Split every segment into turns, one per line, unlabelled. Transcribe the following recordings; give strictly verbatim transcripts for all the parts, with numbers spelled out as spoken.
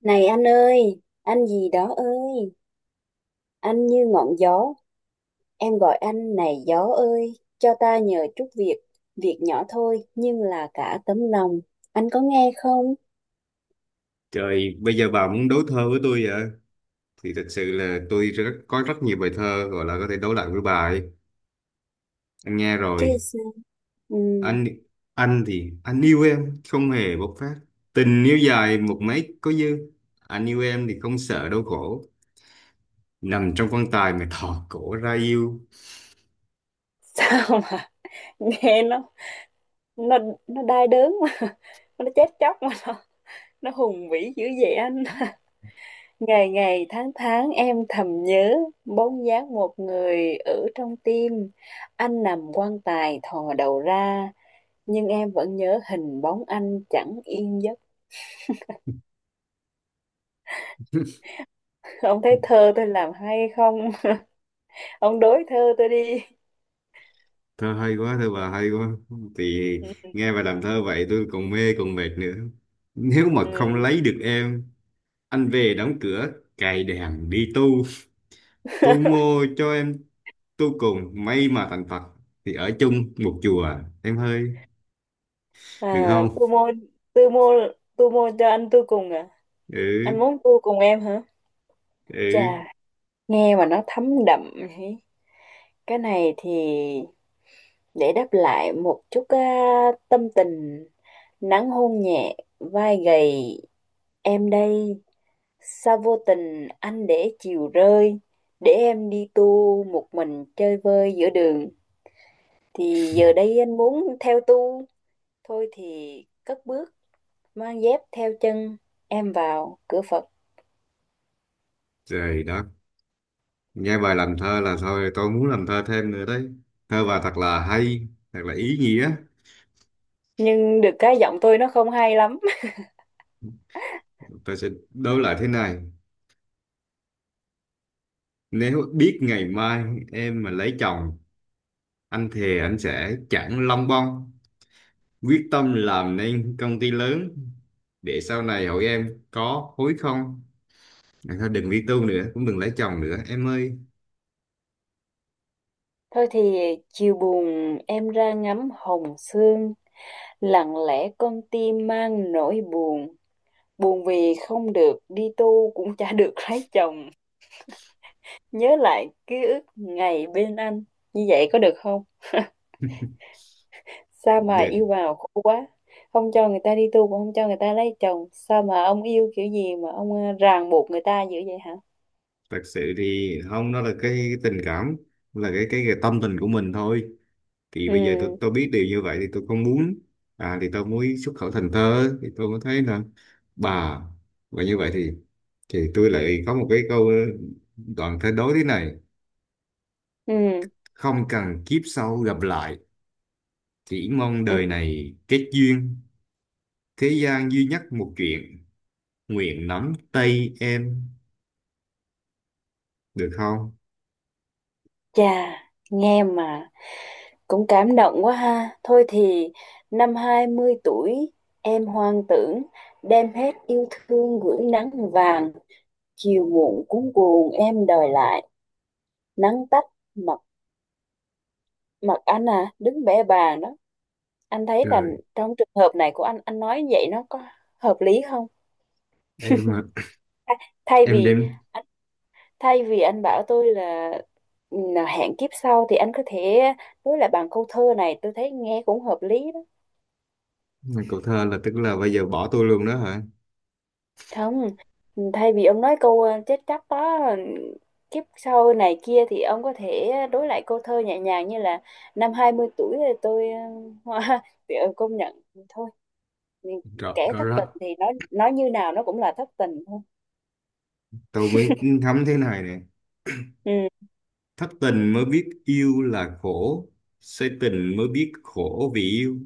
Này anh ơi, anh gì đó ơi, anh như ngọn gió, em gọi anh này gió ơi, cho ta nhờ chút việc, việc nhỏ thôi nhưng là cả tấm lòng. Anh có nghe không?
Trời, bây giờ bà muốn đấu thơ với tôi vậy? Thì thật sự là tôi rất, có rất nhiều bài thơ gọi là có thể đấu lại với bà ấy. Anh nghe
Chứ
rồi.
sao. ừm,
Anh anh thì anh yêu em không hề bộc phát. Tình yêu dài một mấy có dư. Anh yêu em thì không sợ đau khổ. Nằm trong quan tài mà thò cổ ra yêu.
Sao mà nghe nó nó nó đai đớn mà nó chết chóc mà nó nó hùng vĩ dữ vậy anh. Ngày ngày tháng tháng em thầm nhớ bóng dáng một người ở trong tim. Anh nằm quan tài thò đầu ra, nhưng em vẫn nhớ hình bóng anh chẳng yên giấc. Ông thấy thơ tôi làm hay không? Ông đối thơ tôi đi.
Thơ hay quá, thơ bà hay quá. Thì
Ừ.
nghe bà làm thơ vậy tôi còn mê còn mệt nữa. Nếu mà không
Ừ.
lấy được em, anh về đóng cửa cài đèn đi tu. Tôi mua cho em tu cùng may mà thành Phật thì ở chung một chùa, em hơi được
À,
không?
tôi mua tôi mua tôi mua cho anh tôi cùng à? Anh
Ừ,
muốn tôi cùng em hả? Chà,
ừ.
nghe mà nó thấm đậm ấy. Cái này thì để đáp lại một chút á, tâm tình: nắng hôn nhẹ vai gầy em đây, sao vô tình anh để chiều rơi, để em đi tu một mình chơi vơi giữa đường. Thì giờ đây anh muốn theo tu, thôi thì cất bước mang dép theo chân em vào cửa Phật.
Trời đó, nghe bài làm thơ là thôi tôi muốn làm thơ thêm nữa đấy. Thơ bà thật là hay, thật là ý nghĩa.
Nhưng được cái giọng tôi nó không hay lắm.
Tôi sẽ đối lại thế này: nếu biết ngày mai em mà lấy chồng, anh thề anh sẽ chẳng lông bông, quyết tâm làm nên công ty lớn, để sau này hỏi em có hối không. Thôi đừng đi tu nữa, cũng đừng lấy chồng nữa em ơi.
Thôi thì chiều buồn em ra ngắm hồng sương, lặng lẽ con tim mang nỗi buồn, buồn vì không được đi tu cũng chả được lấy chồng, nhớ lại ký ức ngày bên anh. Như vậy có được không? Sao mà
Để
yêu vào khổ quá, không cho người ta đi tu cũng không cho người ta lấy chồng, sao mà ông yêu kiểu gì mà ông ờ, ràng buộc người ta dữ vậy hả?
thật sự thì không, nó là cái tình cảm, là cái cái, cái tâm tình của mình thôi. Thì bây giờ tôi
Ừ.
tôi biết điều như vậy thì tôi không muốn. À, thì tôi muốn xuất khẩu thành thơ thì tôi mới thấy là bà, và như vậy thì thì tôi lại có một cái câu đoạn thơ đối thế này:
Ừ.
không cần kiếp sau gặp lại, chỉ mong
Ừ.
đời này kết duyên, thế gian duy nhất một chuyện, nguyện nắm tay em, được không?
Chà, nghe mà cũng cảm động quá ha. Thôi thì năm hai mươi tuổi em hoang tưởng, đem hết yêu thương gửi nắng vàng, chiều muộn cuống cuồng em đòi lại, nắng tắt, mặt mặt anh à đứng bẽ bàng đó. Anh thấy là
Trời,
trong trường hợp này của anh anh nói như vậy nó có hợp lý không?
em mà
Thay thay
em
vì
đem.
anh thay vì anh bảo tôi là ừ, hẹn kiếp sau, thì anh có thể đối lại bằng câu thơ này, tôi thấy nghe cũng hợp lý.
Cậu thơ là tức là bây giờ bỏ tôi luôn đó hả?
Không, thay vì ông nói câu ờ, chết chóc đó, ờ, kiếp sau này kia, thì ông có thể đối lại câu thơ nhẹ nhàng như là năm hai mươi tuổi thì tôi hoa. Công nhận thôi thì
Rõ,
kẻ
rõ
thất
rõ.
tình thì nói nói như nào nó cũng là thất tình thôi.
Tôi mới ngắm thế này nè.
Ừ.
Thất tình mới biết yêu là khổ. Say tình mới biết khổ vì yêu.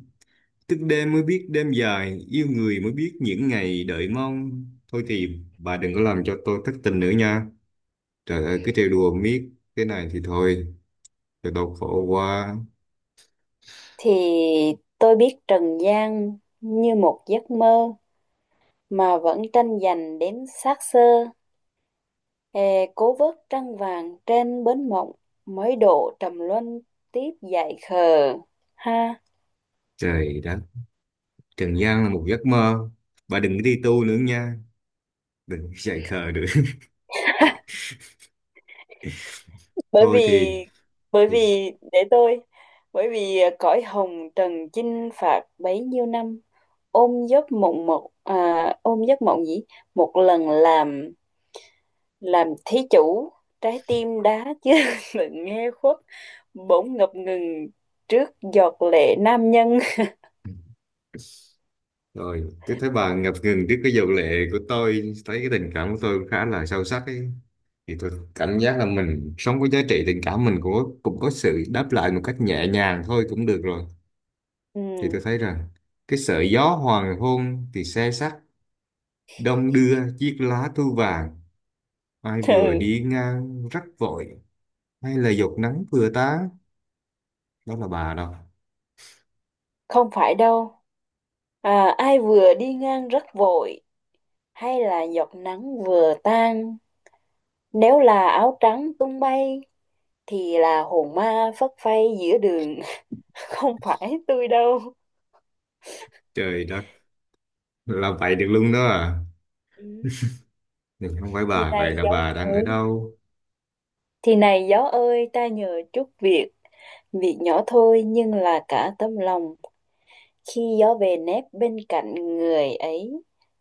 Thức đêm mới biết đêm dài. Yêu người mới biết những ngày đợi mong. Thôi thì bà đừng có làm cho tôi thất tình nữa nha. Trời ơi, cứ trêu đùa miết. Thế này thì thôi. Cho tôi khổ quá.
Thì tôi biết trần gian như một giấc mơ, mà vẫn tranh giành đến xác xơ, Hè cố vớt trăng vàng trên bến mộng, mới độ trầm luân tiếp dại khờ, ha.
Trời đất. Trần gian là một giấc mơ. Bà đừng có đi tu nữa nha. Đừng có chạy khờ nữa.
bởi
Thôi
vì
thì
bởi
thì
vì để tôi, bởi vì à, cõi hồng trần chinh phạt bấy nhiêu năm, ôm giấc mộng một à, ôm giấc mộng gì một lần làm làm thí chủ, trái tim đá chưa, đừng nghe khuất, bỗng ngập ngừng trước giọt lệ nam nhân.
rồi, tôi thấy bà ngập ngừng trước cái dầu lệ của tôi, thấy cái tình cảm của tôi cũng khá là sâu sắc ấy. Thì tôi cảm giác là mình sống với giá trị tình cảm mình cũng có, cũng có sự đáp lại một cách nhẹ nhàng thôi cũng được rồi. Thì tôi
Ừ.
thấy rằng cái sợi gió hoàng hôn thì xe sắt, đông đưa chiếc lá thu vàng, ai vừa
Ừ.
đi ngang rắc vội, hay là giọt nắng vừa tán, đó là bà đâu.
Không phải đâu. À, ai vừa đi ngang rất vội hay là giọt nắng vừa tan. Nếu là áo trắng tung bay thì là hồn ma phất phây giữa đường. Không phải tôi đâu.
Trời đất, là vậy được luôn đó à.
Ừ.
Nhưng không phải
Thì
bà, vậy
này
là
gió,
bà đang ở
ừ.
đâu?
Thì này gió ơi ta nhờ chút việc. Việc nhỏ thôi nhưng là cả tấm lòng. Khi gió về nép bên cạnh người ấy,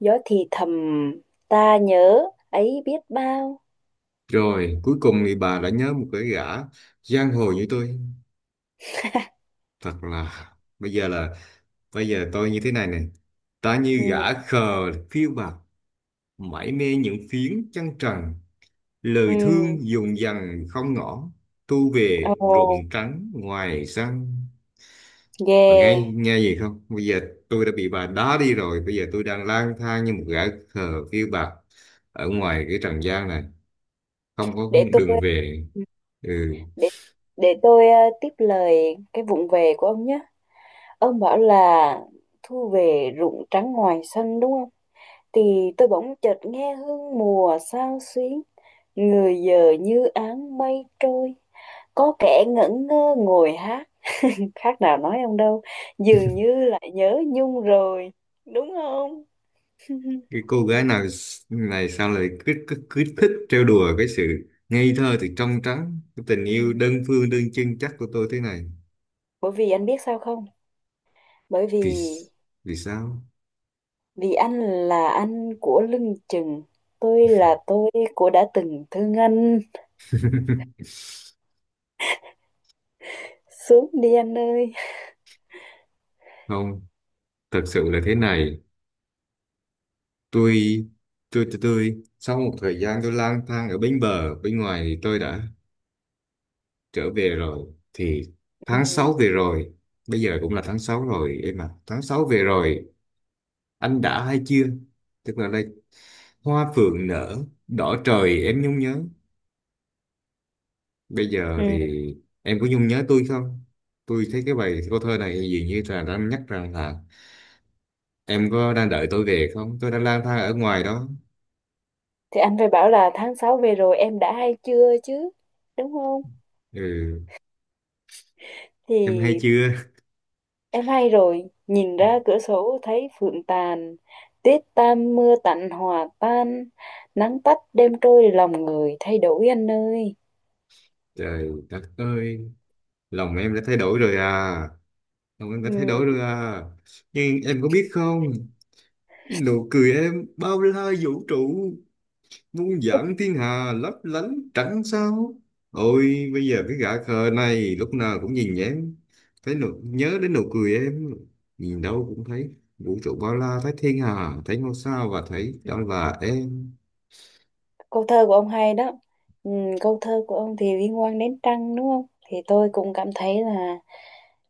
gió thì thầm ta nhớ ấy biết bao.
Rồi, cuối cùng thì bà đã nhớ một cái gã giang hồ như tôi. Thật là bây giờ là bây giờ tôi như thế này này. Ta như
Ừ,
gã khờ phiêu bạt, mải mê những phiến trăng trần, lời
ừ,
thương dùng dằng không ngỏ, tu về
ồ.
rụng trắng ngoài sân. Bà nghe
Yeah,
nghe gì không? Bây giờ tôi đã bị bà đá đi rồi, bây giờ tôi đang lang thang như một gã khờ phiêu bạt ở ngoài cái trần gian này, không có
để
đường
tôi
về. Ừ.
để để tôi ờ, tiếp lời cái vụng về của ông nhé. Ông bảo là thu về ruộng trắng ngoài sân đúng không? Thì tôi bỗng chợt nghe hương mùa xao xuyến, người giờ như áng mây trôi. Có kẻ ngẩn ngơ ngồi hát, khác nào nói ông đâu, dường như lại nhớ Nhung rồi, đúng không?
Cái cô gái nào s- này sao lại cứ, cứ, cứ thích trêu đùa cái sự ngây thơ thì trong trắng cái tình
Ừ.
yêu đơn phương đơn chân chắc của tôi thế này.
Bởi vì anh biết sao không? Bởi vì
vì s- vì sao?
Vì anh là anh của lưng chừng, tôi là tôi của đã từng thương anh. Xuống đi anh ơi.
Không, thật sự là thế này, tôi tôi tôi, tôi sau một thời gian tôi lang thang ở bến bờ bên ngoài thì tôi đã trở về rồi. Thì
Ừ.
tháng sáu về rồi, bây giờ cũng là tháng sáu rồi em ạ, tháng sáu
Ừ.
về rồi anh đã hay chưa, tức là đây: hoa phượng nở, đỏ trời em nhung nhớ. Bây giờ
Ừ.
thì em có nhung nhớ tôi không? Tôi thấy cái bài câu thơ này dường như là đang nhắc rằng là em có đang đợi tôi về không? Tôi đang lang thang ở ngoài đó.
Thì anh phải bảo là tháng sáu về rồi em đã hay chưa chứ, đúng không?
Ừ, em hay
Thì
chưa?
em hay rồi, nhìn ra cửa sổ thấy phượng tàn, tuyết tan mưa tạnh hòa tan, nắng tắt đêm trôi lòng người thay đổi anh ơi.
Trời đất ơi, lòng em đã thay đổi rồi à. Lòng em đã
Ừ.
thay đổi rồi à. Nhưng em có biết không? Nụ cười em bao la vũ trụ, muôn vạn thiên hà lấp lánh trắng sao. Ôi bây giờ cái gã khờ này lúc nào cũng nhìn em, thấy nụ, nhớ đến nụ cười em, nhìn đâu cũng thấy vũ trụ bao la, thấy thiên hà, thấy ngôi sao và thấy đó là em.
Câu thơ của ông hay đó, ừ, câu thơ của ông thì liên quan đến trăng đúng không, thì tôi cũng cảm thấy là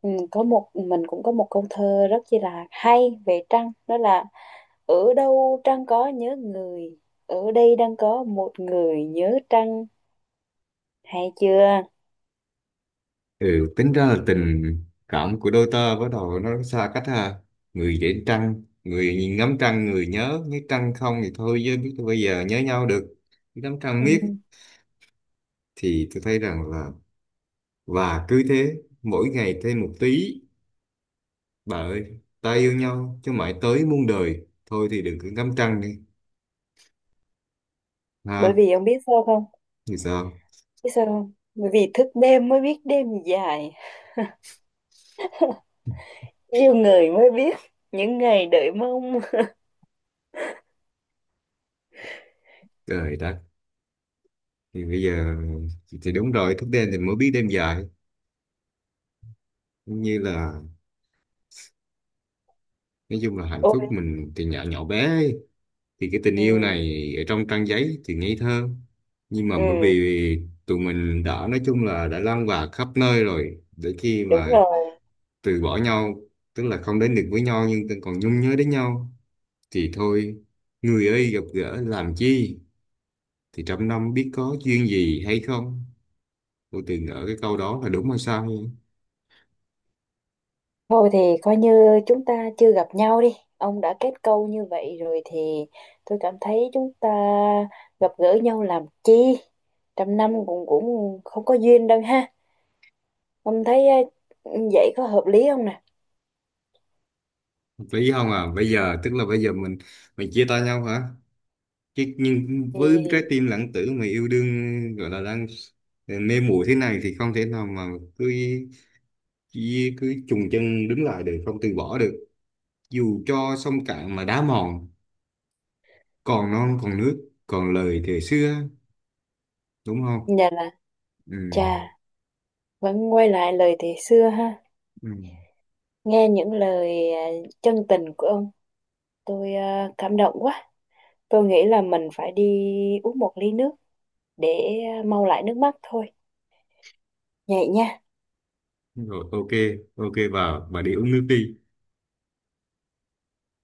ừ, có một mình cũng có một câu thơ rất chi là hay về trăng, đó là: ở đâu trăng có nhớ người, ở đây đang có một người nhớ trăng, hay chưa?
Ừ, tính ra là tình cảm của đôi ta bắt đầu nó xa cách ha. Người để trăng, người nhìn ngắm trăng, người nhớ, nếu trăng không thì thôi chứ biết bây giờ nhớ nhau được, ngắm trăng
Ừ.
miết. Thì tôi thấy rằng là, và cứ thế mỗi ngày thêm một tí. Bà ơi, ta yêu nhau chứ mãi tới muôn đời. Thôi thì đừng cứ ngắm trăng đi.
Bởi
Ha,
vì ông biết sao không,
thì sao?
biết sao không, bởi vì thức đêm mới biết đêm dài, yêu người mới biết những ngày đợi mong.
Trời đất. Thì bây giờ thì đúng rồi, thức đêm thì mới biết đêm dài. Như là nói chung là hạnh
Ôi.
phúc mình thì nhỏ nhỏ bé ấy. Thì cái tình yêu
Ừ,
này ở trong trang giấy thì ngây thơ. Nhưng mà bởi
ừ,
vì tụi mình đã nói chung là đã lan bạc khắp nơi rồi. Để khi
đúng
mà
rồi.
từ bỏ nhau, tức là không đến được với nhau nhưng còn nhung nhớ đến nhau. Thì thôi, người ơi gặp gỡ làm chi? Thì trăm năm biết có duyên gì hay không, cô từng ở cái câu đó là đúng hay sai?
Thôi thì coi như chúng ta chưa gặp nhau đi. Ông đã kết câu như vậy rồi thì tôi cảm thấy chúng ta gặp gỡ nhau làm chi? Trăm năm cũng cũng không có duyên đâu ha. Ông thấy ờ, vậy có hợp lý không nè?
Hợp lý không à, bây giờ tức là bây giờ mình mình chia tay nhau hả? Chứ nhưng với trái
Thì
tim lãng tử mà yêu đương gọi là đang mê muội thế này thì không thể nào mà cứ cứ, cứ chùng chân đứng lại được, không từ bỏ được. Dù cho sông cạn mà đá mòn, còn non còn nước còn lời thời xưa, đúng không?
nhà là
Ừ,
chà, vẫn quay lại lời thì xưa ha.
ừ.
Nghe những lời ờ, chân tình của ông, tôi ờ, cảm động quá. Tôi nghĩ là mình phải đi uống một ly nước để ờ, mau lại nước mắt thôi. Vậy nha.
Rồi, ok, ok vào và đi uống nước đi.